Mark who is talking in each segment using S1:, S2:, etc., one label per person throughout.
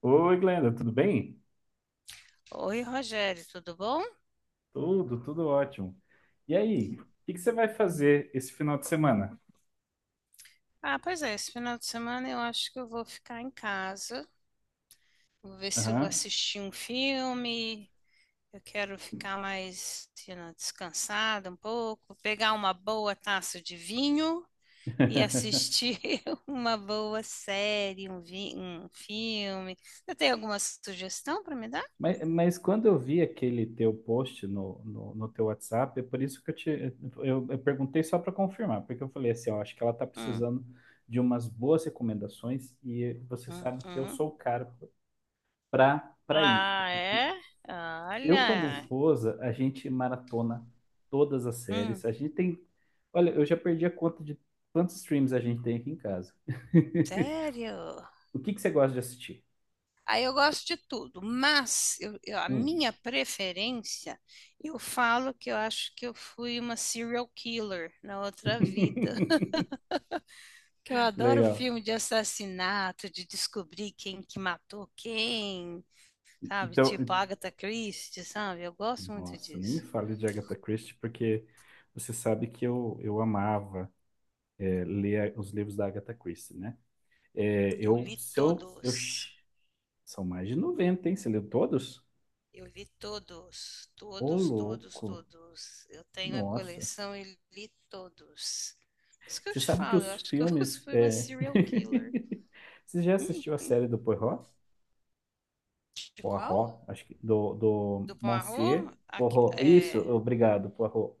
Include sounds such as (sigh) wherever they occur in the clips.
S1: Oi, Glenda, tudo bem?
S2: Oi, Rogério, tudo bom?
S1: Tudo, tudo ótimo. E aí, o que que você vai fazer esse final de semana?
S2: Ah, pois é, esse final de semana eu acho que eu vou ficar em casa. Vou ver se eu vou
S1: Aham.
S2: assistir um filme. Eu quero ficar mais, descansada um pouco, pegar uma boa taça de vinho e
S1: (laughs)
S2: assistir (laughs) uma boa série, um filme. Você tem alguma sugestão para me dar?
S1: Mas quando eu vi aquele teu post no teu WhatsApp, é por isso que eu perguntei só para confirmar, porque eu falei assim, ó, acho que ela tá
S2: Hum,
S1: precisando de umas boas recomendações e você sabe que eu
S2: uhum.
S1: sou o cara para isso.
S2: Ah, é?
S1: Eu com a minha
S2: Olha.
S1: esposa, a gente maratona todas as
S2: Hum,
S1: séries. A gente tem. Olha, eu já perdi a conta de quantos streams a gente tem aqui em casa.
S2: sério?
S1: (laughs) O que que você gosta de assistir?
S2: Aí eu gosto de tudo, mas a
S1: Hum.
S2: minha preferência, eu falo que eu acho que eu fui uma serial killer na outra
S1: (laughs)
S2: vida. (laughs) Que eu adoro
S1: Legal.
S2: filme de assassinato, de descobrir quem que matou quem, sabe?
S1: Então,
S2: Tipo Agatha Christie, sabe? Eu gosto muito
S1: nossa, nem me
S2: disso.
S1: fale de Agatha Christie, porque você sabe que eu amava ler os livros da Agatha Christie, né? É,
S2: Eu
S1: eu,
S2: li
S1: se eu, eu,
S2: todos.
S1: são mais de 90, hein? Você leu todos?
S2: Eu li todos,
S1: Ô,
S2: todos, todos,
S1: louco.
S2: todos. Eu tenho a
S1: Nossa.
S2: coleção e li todos. Isso que eu
S1: Você
S2: te
S1: sabe que
S2: falo, eu
S1: os
S2: acho que eu (laughs)
S1: filmes.
S2: fui uma serial killer.
S1: (laughs) Você já assistiu a série do Poirot?
S2: De qual?
S1: Poirot, acho que. Do
S2: Do
S1: Monsieur
S2: Poirot?
S1: Poirot. Isso, obrigado, Poirot.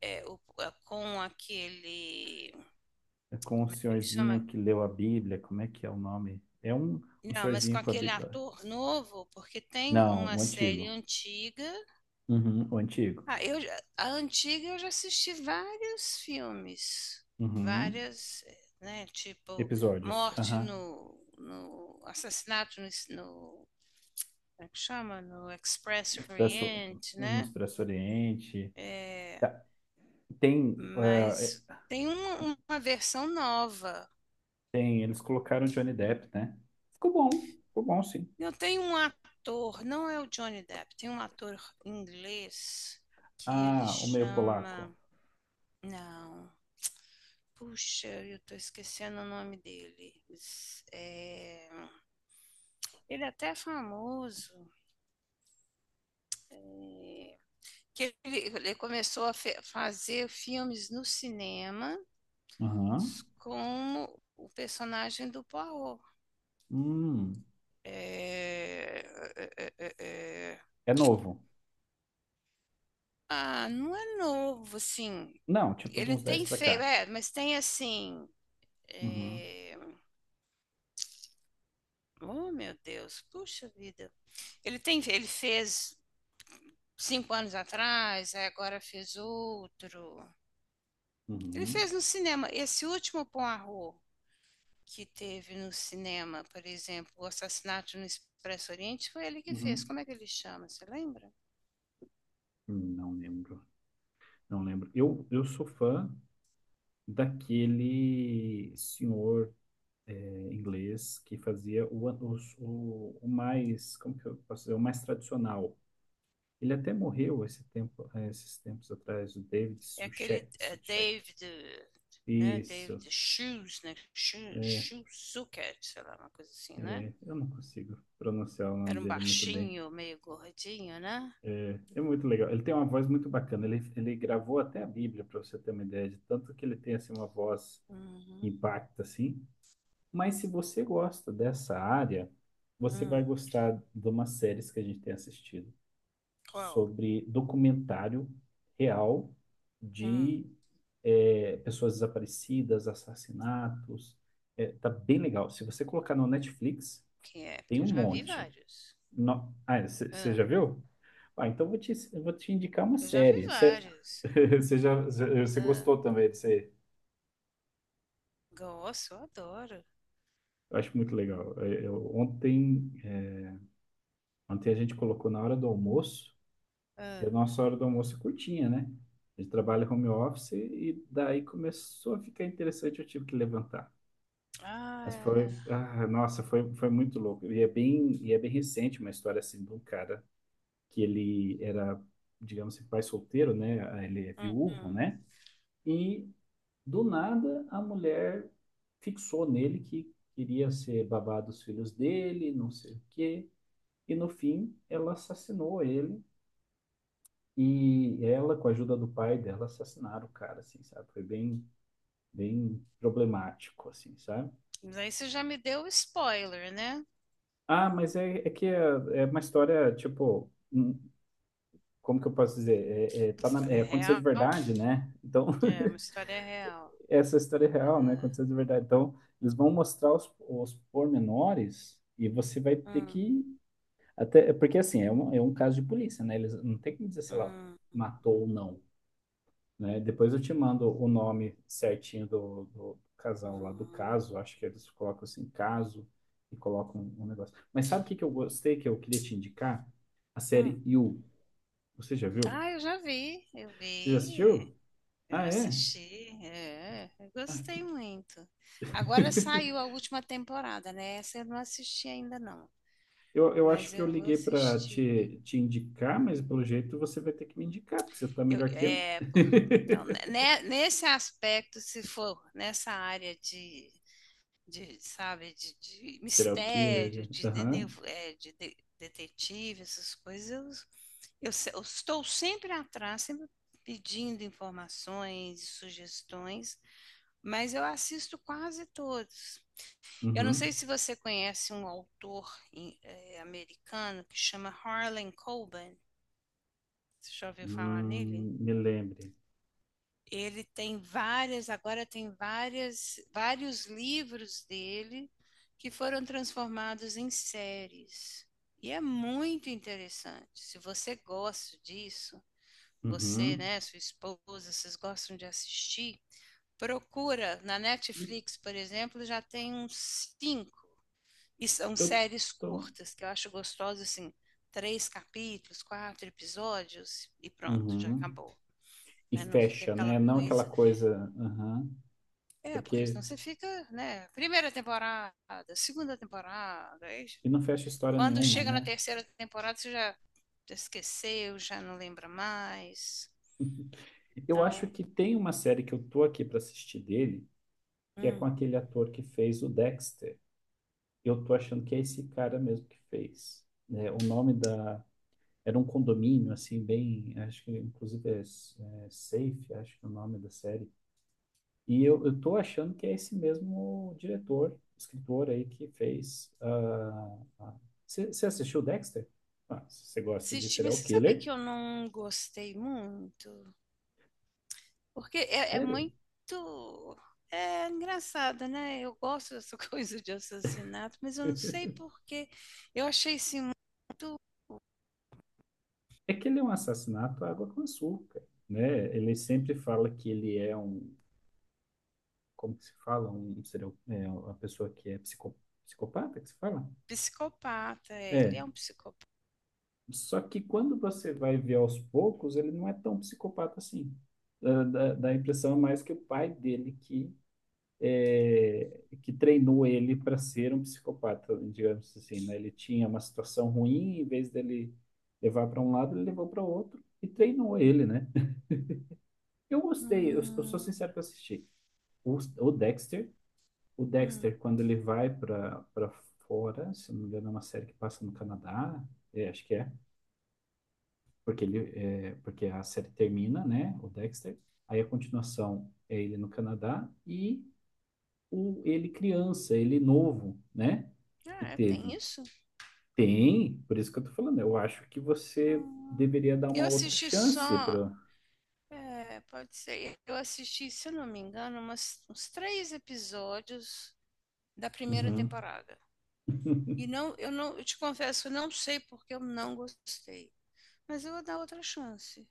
S2: Com aquele. Como
S1: (laughs) Com um
S2: é que chama?
S1: senhorzinho que leu a Bíblia. Como é que é o nome? É um
S2: Não, mas com
S1: senhorzinho com a
S2: aquele
S1: Bíblia.
S2: ator novo, porque tem
S1: Não,
S2: uma
S1: o
S2: série
S1: antigo.
S2: antiga.
S1: Uhum, o antigo.
S2: Ah, a antiga eu já assisti vários filmes,
S1: Uhum.
S2: várias, né? Tipo,
S1: Episódios.
S2: Morte
S1: Aham.
S2: no, Assassinato no, no- como é que chama? No Express
S1: No Expresso,
S2: Orient,
S1: no
S2: né?
S1: Expresso Oriente.
S2: É,
S1: Tá, Tem, eh,
S2: mas tem uma versão nova.
S1: tem. Eles colocaram Johnny Depp, né? Ficou bom. Ficou bom, sim.
S2: Eu tenho um ator, não é o Johnny Depp, tem um ator inglês que ele
S1: Ah, o meio polaco.
S2: chama. Não. Puxa, eu tô esquecendo o nome dele. Ele é até famoso. é, que ele começou a fazer filmes no cinema
S1: Uhum.
S2: com o personagem do Poirot.
S1: Hum.
S2: É, é, é, é, é.
S1: É novo.
S2: Ah, não é novo, assim.
S1: Não, tipo de
S2: Ele
S1: uns 10
S2: tem
S1: pra
S2: feio,
S1: cá.
S2: é, mas tem assim.
S1: Uhum.
S2: é, Oh, meu Deus, puxa vida. Ele fez 5 anos atrás, aí agora fez outro. Ele
S1: Uhum.
S2: fez no cinema. Esse último Poirot que teve no cinema, por exemplo, o assassinato no Expresso Oriente, foi ele que fez.
S1: Uhum.
S2: Como é que ele chama? Você lembra?
S1: Não lembro. Não lembro. Eu sou fã daquele senhor inglês que fazia o mais, como que eu posso dizer, o mais tradicional. Ele até morreu esses tempos atrás, o David
S2: É aquele
S1: Suchek.
S2: é,
S1: Suchek.
S2: David, né?
S1: Isso.
S2: David Shoes, né? Shoe, Shoe Zucker, sei lá, uma coisa assim, né?
S1: É, eu não consigo pronunciar o
S2: Era
S1: nome
S2: um
S1: dele muito bem.
S2: baixinho, meio gordinho, né?
S1: É muito legal. Ele tem uma voz muito bacana. Ele gravou até a Bíblia, para você ter uma ideia de tanto que ele tem assim, uma voz que
S2: Uhum.
S1: impacta assim. Mas se você gosta dessa área, você vai
S2: Hum,
S1: gostar de umas séries que a gente tem assistido
S2: qual?
S1: sobre documentário real
S2: Hum,
S1: de pessoas desaparecidas, assassinatos. É, tá bem legal. Se você colocar no Netflix,
S2: quem é?
S1: tem
S2: Porque eu
S1: um
S2: já vi
S1: monte.
S2: vários.
S1: No... Ah, você
S2: Ah,
S1: já viu? Ah, então vou te indicar uma
S2: eu já vi
S1: série. Você,
S2: vários.
S1: (laughs) você
S2: Ah,
S1: gostou também disso aí?
S2: gosto, eu adoro.
S1: Eu acho muito legal. Ontem a gente colocou na hora do almoço, e
S2: Ah,
S1: a nossa hora do almoço é curtinha, né? A gente trabalha home office e daí começou a ficar interessante, eu tive que levantar.
S2: ah,
S1: Mas
S2: é.
S1: foi, ah, nossa, foi muito louco. E é bem recente uma história assim de um cara que ele era, digamos assim, pai solteiro, né? Ele é
S2: Hum,
S1: viúvo,
S2: hum.
S1: né? E Do nada, a mulher fixou nele que queria ser babá dos filhos dele, não sei o quê. E no fim, ela assassinou ele. E ela, com a ajuda do pai dela, assassinaram o cara, assim, sabe? Foi bem, bem problemático, assim, sabe?
S2: Mas aí você já me deu o spoiler, né?
S1: Ah, mas é, é que é, é uma história, tipo, como que eu posso dizer?
S2: História
S1: Aconteceu de
S2: real?
S1: verdade, né? Então, (laughs)
S2: É, uma história real.
S1: essa história é real, né?
S2: Ah,
S1: Aconteceu de verdade. Então, eles vão mostrar os pormenores e você vai ter
S2: hum,
S1: que. Até, porque, assim, é um caso de polícia, né? Eles não tem como dizer, sei lá,
S2: hum,
S1: matou ou não, né? Depois eu te mando o nome certinho do casal lá, do
S2: hum.
S1: caso. Acho que eles colocam assim, caso, e colocam um, um negócio. Mas sabe o que, que eu gostei, que eu queria te indicar? A
S2: Hum.
S1: série You. Você já viu?
S2: Ah, eu já vi, eu
S1: Você já
S2: vi.
S1: assistiu? Ah, é?
S2: Assisti, é, eu
S1: Ah, que...
S2: gostei muito. Agora
S1: (laughs)
S2: saiu a última temporada, né? Essa eu não assisti ainda não,
S1: Eu acho
S2: mas
S1: que eu
S2: eu vou
S1: liguei para
S2: assistir.
S1: te, te indicar, mas pelo jeito você vai ter que me indicar, porque você tá
S2: Eu,
S1: melhor que eu.
S2: é, por, não, né,
S1: (laughs)
S2: né, nesse aspecto, se for nessa área de, de
S1: Serial killer. Já.
S2: mistério, de, dede-
S1: Aham.
S2: é, de- detetive, essas coisas, eu se- eu estou sempre atrás, sempre pedindo informações, sugestões, mas eu assisto quase todos. Eu não sei
S1: Uhum.
S2: se você conhece um autor americano que chama Harlan Coben. Você já ouviu falar nele?
S1: Me lembre.
S2: Ele tem várias, agora tem vários livros dele que foram transformados em séries. E é muito interessante. Se você gosta disso, você,
S1: Uhum.
S2: né, sua esposa, vocês gostam de assistir, procura na
S1: Eu,
S2: Netflix, por exemplo, já tem uns cinco. E são
S1: eu
S2: séries
S1: tô.
S2: curtas, que eu acho gostoso, assim, três capítulos, quatro episódios e pronto, já
S1: Uhum.
S2: acabou.
S1: E
S2: Né? Não fica
S1: fecha,
S2: aquela
S1: né? Não aquela
S2: coisa.
S1: coisa. Uhum.
S2: É, porque
S1: Porque.
S2: senão você fica, né? Primeira temporada, segunda temporada. Aí
S1: E não fecha história
S2: quando
S1: nenhuma,
S2: chega na
S1: né?
S2: terceira temporada, você já esqueceu, já não lembra mais.
S1: (laughs) Eu acho
S2: Então,
S1: que tem uma série que eu tô aqui para assistir dele, que é com
S2: hum,
S1: aquele ator que fez o Dexter. Eu tô achando que é esse cara mesmo que fez. Né? o nome da. Era um condomínio, assim, bem. Acho que, inclusive, é Safe, acho que é o nome da série. E eu tô achando que é esse mesmo diretor, escritor aí que fez. Você assistiu Dexter? Ah, se você gosta de
S2: assisti, mas
S1: serial
S2: você sabe que
S1: killer,
S2: eu não gostei muito? Porque é
S1: sério.
S2: muito. É engraçado, né? Eu gosto dessa (laughs) coisa de assassinato, mas eu não sei
S1: (laughs)
S2: porquê. Eu achei esse muito
S1: É que ele é um assassinato à água com açúcar, né? Ele sempre fala que ele é um, como que se fala? Uma pessoa que é psicopata, que se fala?
S2: psicopata. Ele
S1: É,
S2: é um psicopata.
S1: só que quando você vai ver aos poucos, ele não é tão psicopata assim. Dá a impressão mais que o pai dele que, que treinou ele para ser um psicopata, digamos assim, né? Ele tinha uma situação ruim, em vez dele levar para um lado, ele levou para o outro e treinou ele, né? Eu gostei, eu sou
S2: Hum,
S1: sincero que eu assisti. O, o Dexter, o
S2: hum.
S1: Dexter, quando ele vai para fora, se eu não me engano, é uma série que passa no Canadá, é, acho que é. Porque a série termina, né, o Dexter, aí a continuação é ele no Canadá e o ele criança, ele novo, né, que
S2: Ah, tem
S1: teve.
S2: isso?
S1: Tem, por isso que eu tô falando, eu acho que você
S2: Hum.
S1: deveria dar
S2: Eu
S1: uma outra
S2: assisti
S1: chance
S2: só.
S1: para
S2: É, pode ser. Eu assisti, se eu não me engano, uns três episódios da primeira
S1: Uhum.
S2: temporada. E não, eu não, eu te confesso, eu não sei porque eu não gostei. Mas eu vou dar outra chance.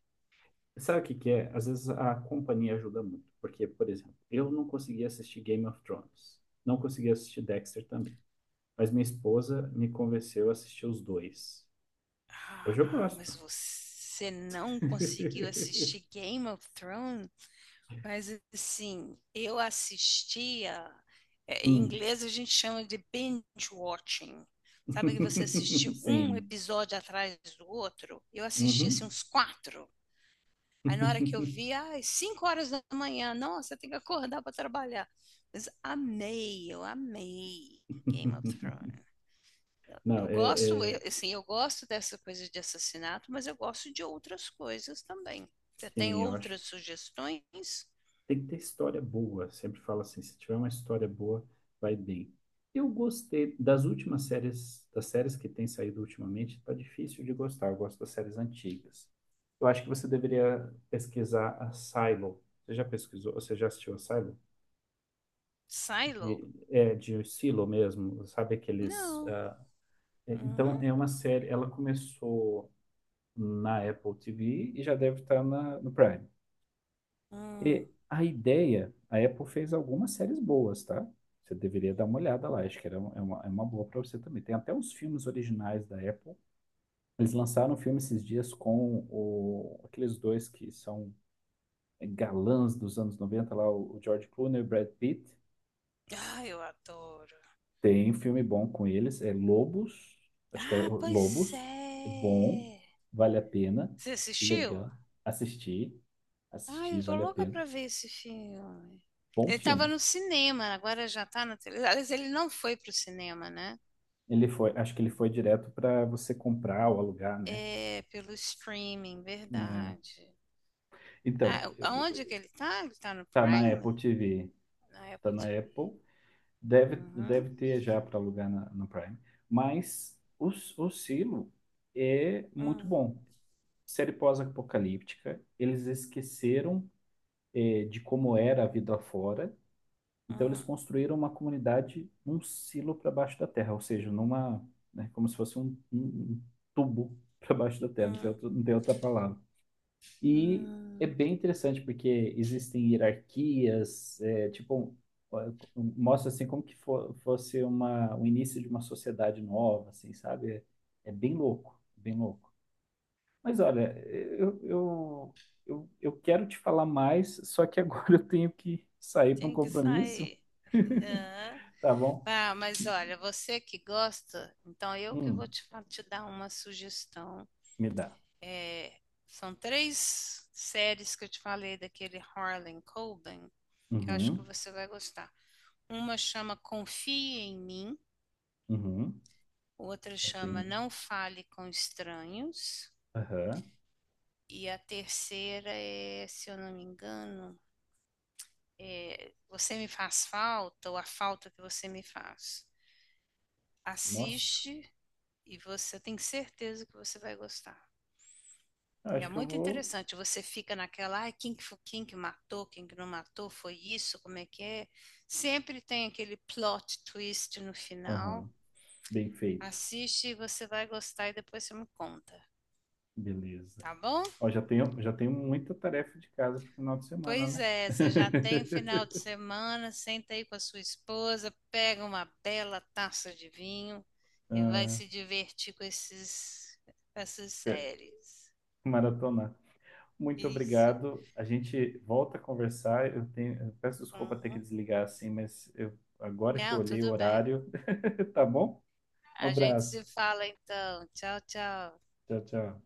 S1: Sabe o que que é? Às vezes a companhia ajuda muito, porque, por exemplo, eu não conseguia assistir Game of Thrones, não conseguia assistir Dexter também, mas minha esposa me convenceu a assistir os dois. Hoje eu
S2: Ah, mas
S1: gosto.
S2: você não conseguiu
S1: (laughs)
S2: assistir Game of Thrones? Mas assim, eu assistia. Em
S1: Hum.
S2: inglês a gente chama de binge watching. Sabe que você
S1: (laughs)
S2: assistiu um
S1: Sim.
S2: episódio atrás do outro? Eu assisti assim,
S1: Uhum.
S2: uns quatro. Aí na hora que eu vi, às 5 horas da manhã, nossa, tem que acordar para trabalhar. Mas amei, eu amei Game of
S1: (laughs)
S2: Thrones.
S1: Não,
S2: Eu
S1: é,
S2: gosto,
S1: é-
S2: assim, eu gosto dessa coisa de assassinato, mas eu gosto de outras coisas também. Você tem
S1: Sim, eu acho.
S2: outras
S1: Que
S2: sugestões?
S1: Tem que ter história boa. Sempre falo assim, se tiver uma história boa, vai bem. Eu gostei das últimas séries, das séries que têm saído ultimamente, tá difícil de gostar. Eu gosto das séries antigas. Eu acho que você deveria pesquisar a Silo. Você já pesquisou? Você já assistiu a Silo?
S2: Silo?
S1: É de Silo mesmo, sabe aqueles.
S2: Não. Hum?
S1: Então é uma série. Ela começou na Apple TV e já deve estar no Prime.
S2: Hum.
S1: E a ideia, a Apple fez algumas séries boas, tá? Você deveria dar uma olhada lá, acho que era, é uma boa para você também. Tem até os filmes originais da Apple. Eles lançaram um filme esses dias com o, aqueles dois que são galãs dos anos 90 lá, o George Clooney e o Brad Pitt.
S2: Ah, eu adoro.
S1: Tem um filme bom com eles, é Lobos, acho que é
S2: Ah, pois
S1: Lobos, é bom,
S2: é.
S1: vale a pena,
S2: Você assistiu?
S1: legal, assistir,
S2: Ai,
S1: assistir,
S2: eu tô
S1: vale a
S2: louca
S1: pena.
S2: pra ver esse filme.
S1: Bom
S2: Ele tava
S1: filme.
S2: no cinema, agora já tá na televisão. Aliás, ele não foi pro cinema, né?
S1: Ele foi, acho que ele foi direto para você comprar ou alugar, né?
S2: É, pelo streaming,
S1: Né?
S2: verdade.
S1: Então,
S2: Ah, aonde que ele tá? Ele tá no
S1: tá na Apple
S2: Prime?
S1: TV,
S2: Na
S1: tá
S2: Apple
S1: na
S2: TV.
S1: Apple, deve,
S2: Uhum.
S1: deve ter já para alugar no Prime. Mas o Silo é muito
S2: Hum,
S1: bom. Série pós-apocalíptica, eles esqueceram de como era a vida fora. Então eles
S2: hum,
S1: construíram uma comunidade num silo para baixo da terra, ou seja, numa, né, como se fosse um, um tubo (laughs) para baixo da terra,
S2: hum,
S1: não tem outra palavra. E é
S2: hum.
S1: bem interessante porque existem hierarquias, é, tipo mostra assim como que fosse uma, o início de uma sociedade nova, assim, sabe? É, é bem louco, bem louco. Mas olha, eu, eu, eu quero te falar mais, só que agora (laughs) eu tenho que sair para um
S2: Tem que
S1: compromisso,
S2: sair. (laughs) Aham.
S1: tá bom?
S2: Ah, mas olha, você que gosta, então eu que vou
S1: Hum,
S2: te dar uma sugestão.
S1: me dá.
S2: É, são três séries que eu te falei daquele Harlan Coben, que eu acho que
S1: Uhum,
S2: você vai gostar. Uma chama Confie em Mim,
S1: uhum,
S2: outra chama
S1: afirme.
S2: Não Fale com Estranhos,
S1: Aham,
S2: e a terceira é, se eu não me engano, Você Me Faz Falta ou A Falta que Você Me Faz.
S1: nossa,
S2: Assiste e você tem certeza que você vai gostar. É
S1: acho que eu
S2: muito
S1: vou.
S2: interessante, você fica naquela, ai, quem que, quem que matou, quem que não matou, foi isso, como é que é? Sempre tem aquele plot twist no final.
S1: Aham, bem feito,
S2: Assiste e você vai gostar e depois você me conta,
S1: beleza.
S2: tá bom?
S1: Ó, já tenho muita tarefa de casa pro final de semana,
S2: Pois
S1: né?
S2: é, você já tem final de
S1: (laughs)
S2: semana, senta aí com a sua esposa, pega uma bela taça de vinho e vai
S1: Ah,
S2: se divertir com essas
S1: pe-
S2: séries.
S1: maratonar. Muito
S2: Isso.
S1: obrigado. A gente volta a conversar. Eu peço desculpa ter que
S2: Uhum.
S1: desligar assim, mas eu, agora que eu
S2: Não,
S1: olhei o
S2: tudo bem.
S1: horário, (laughs) tá bom? Um
S2: A gente se
S1: abraço.
S2: fala então. Tchau, tchau.
S1: Tchau, tchau.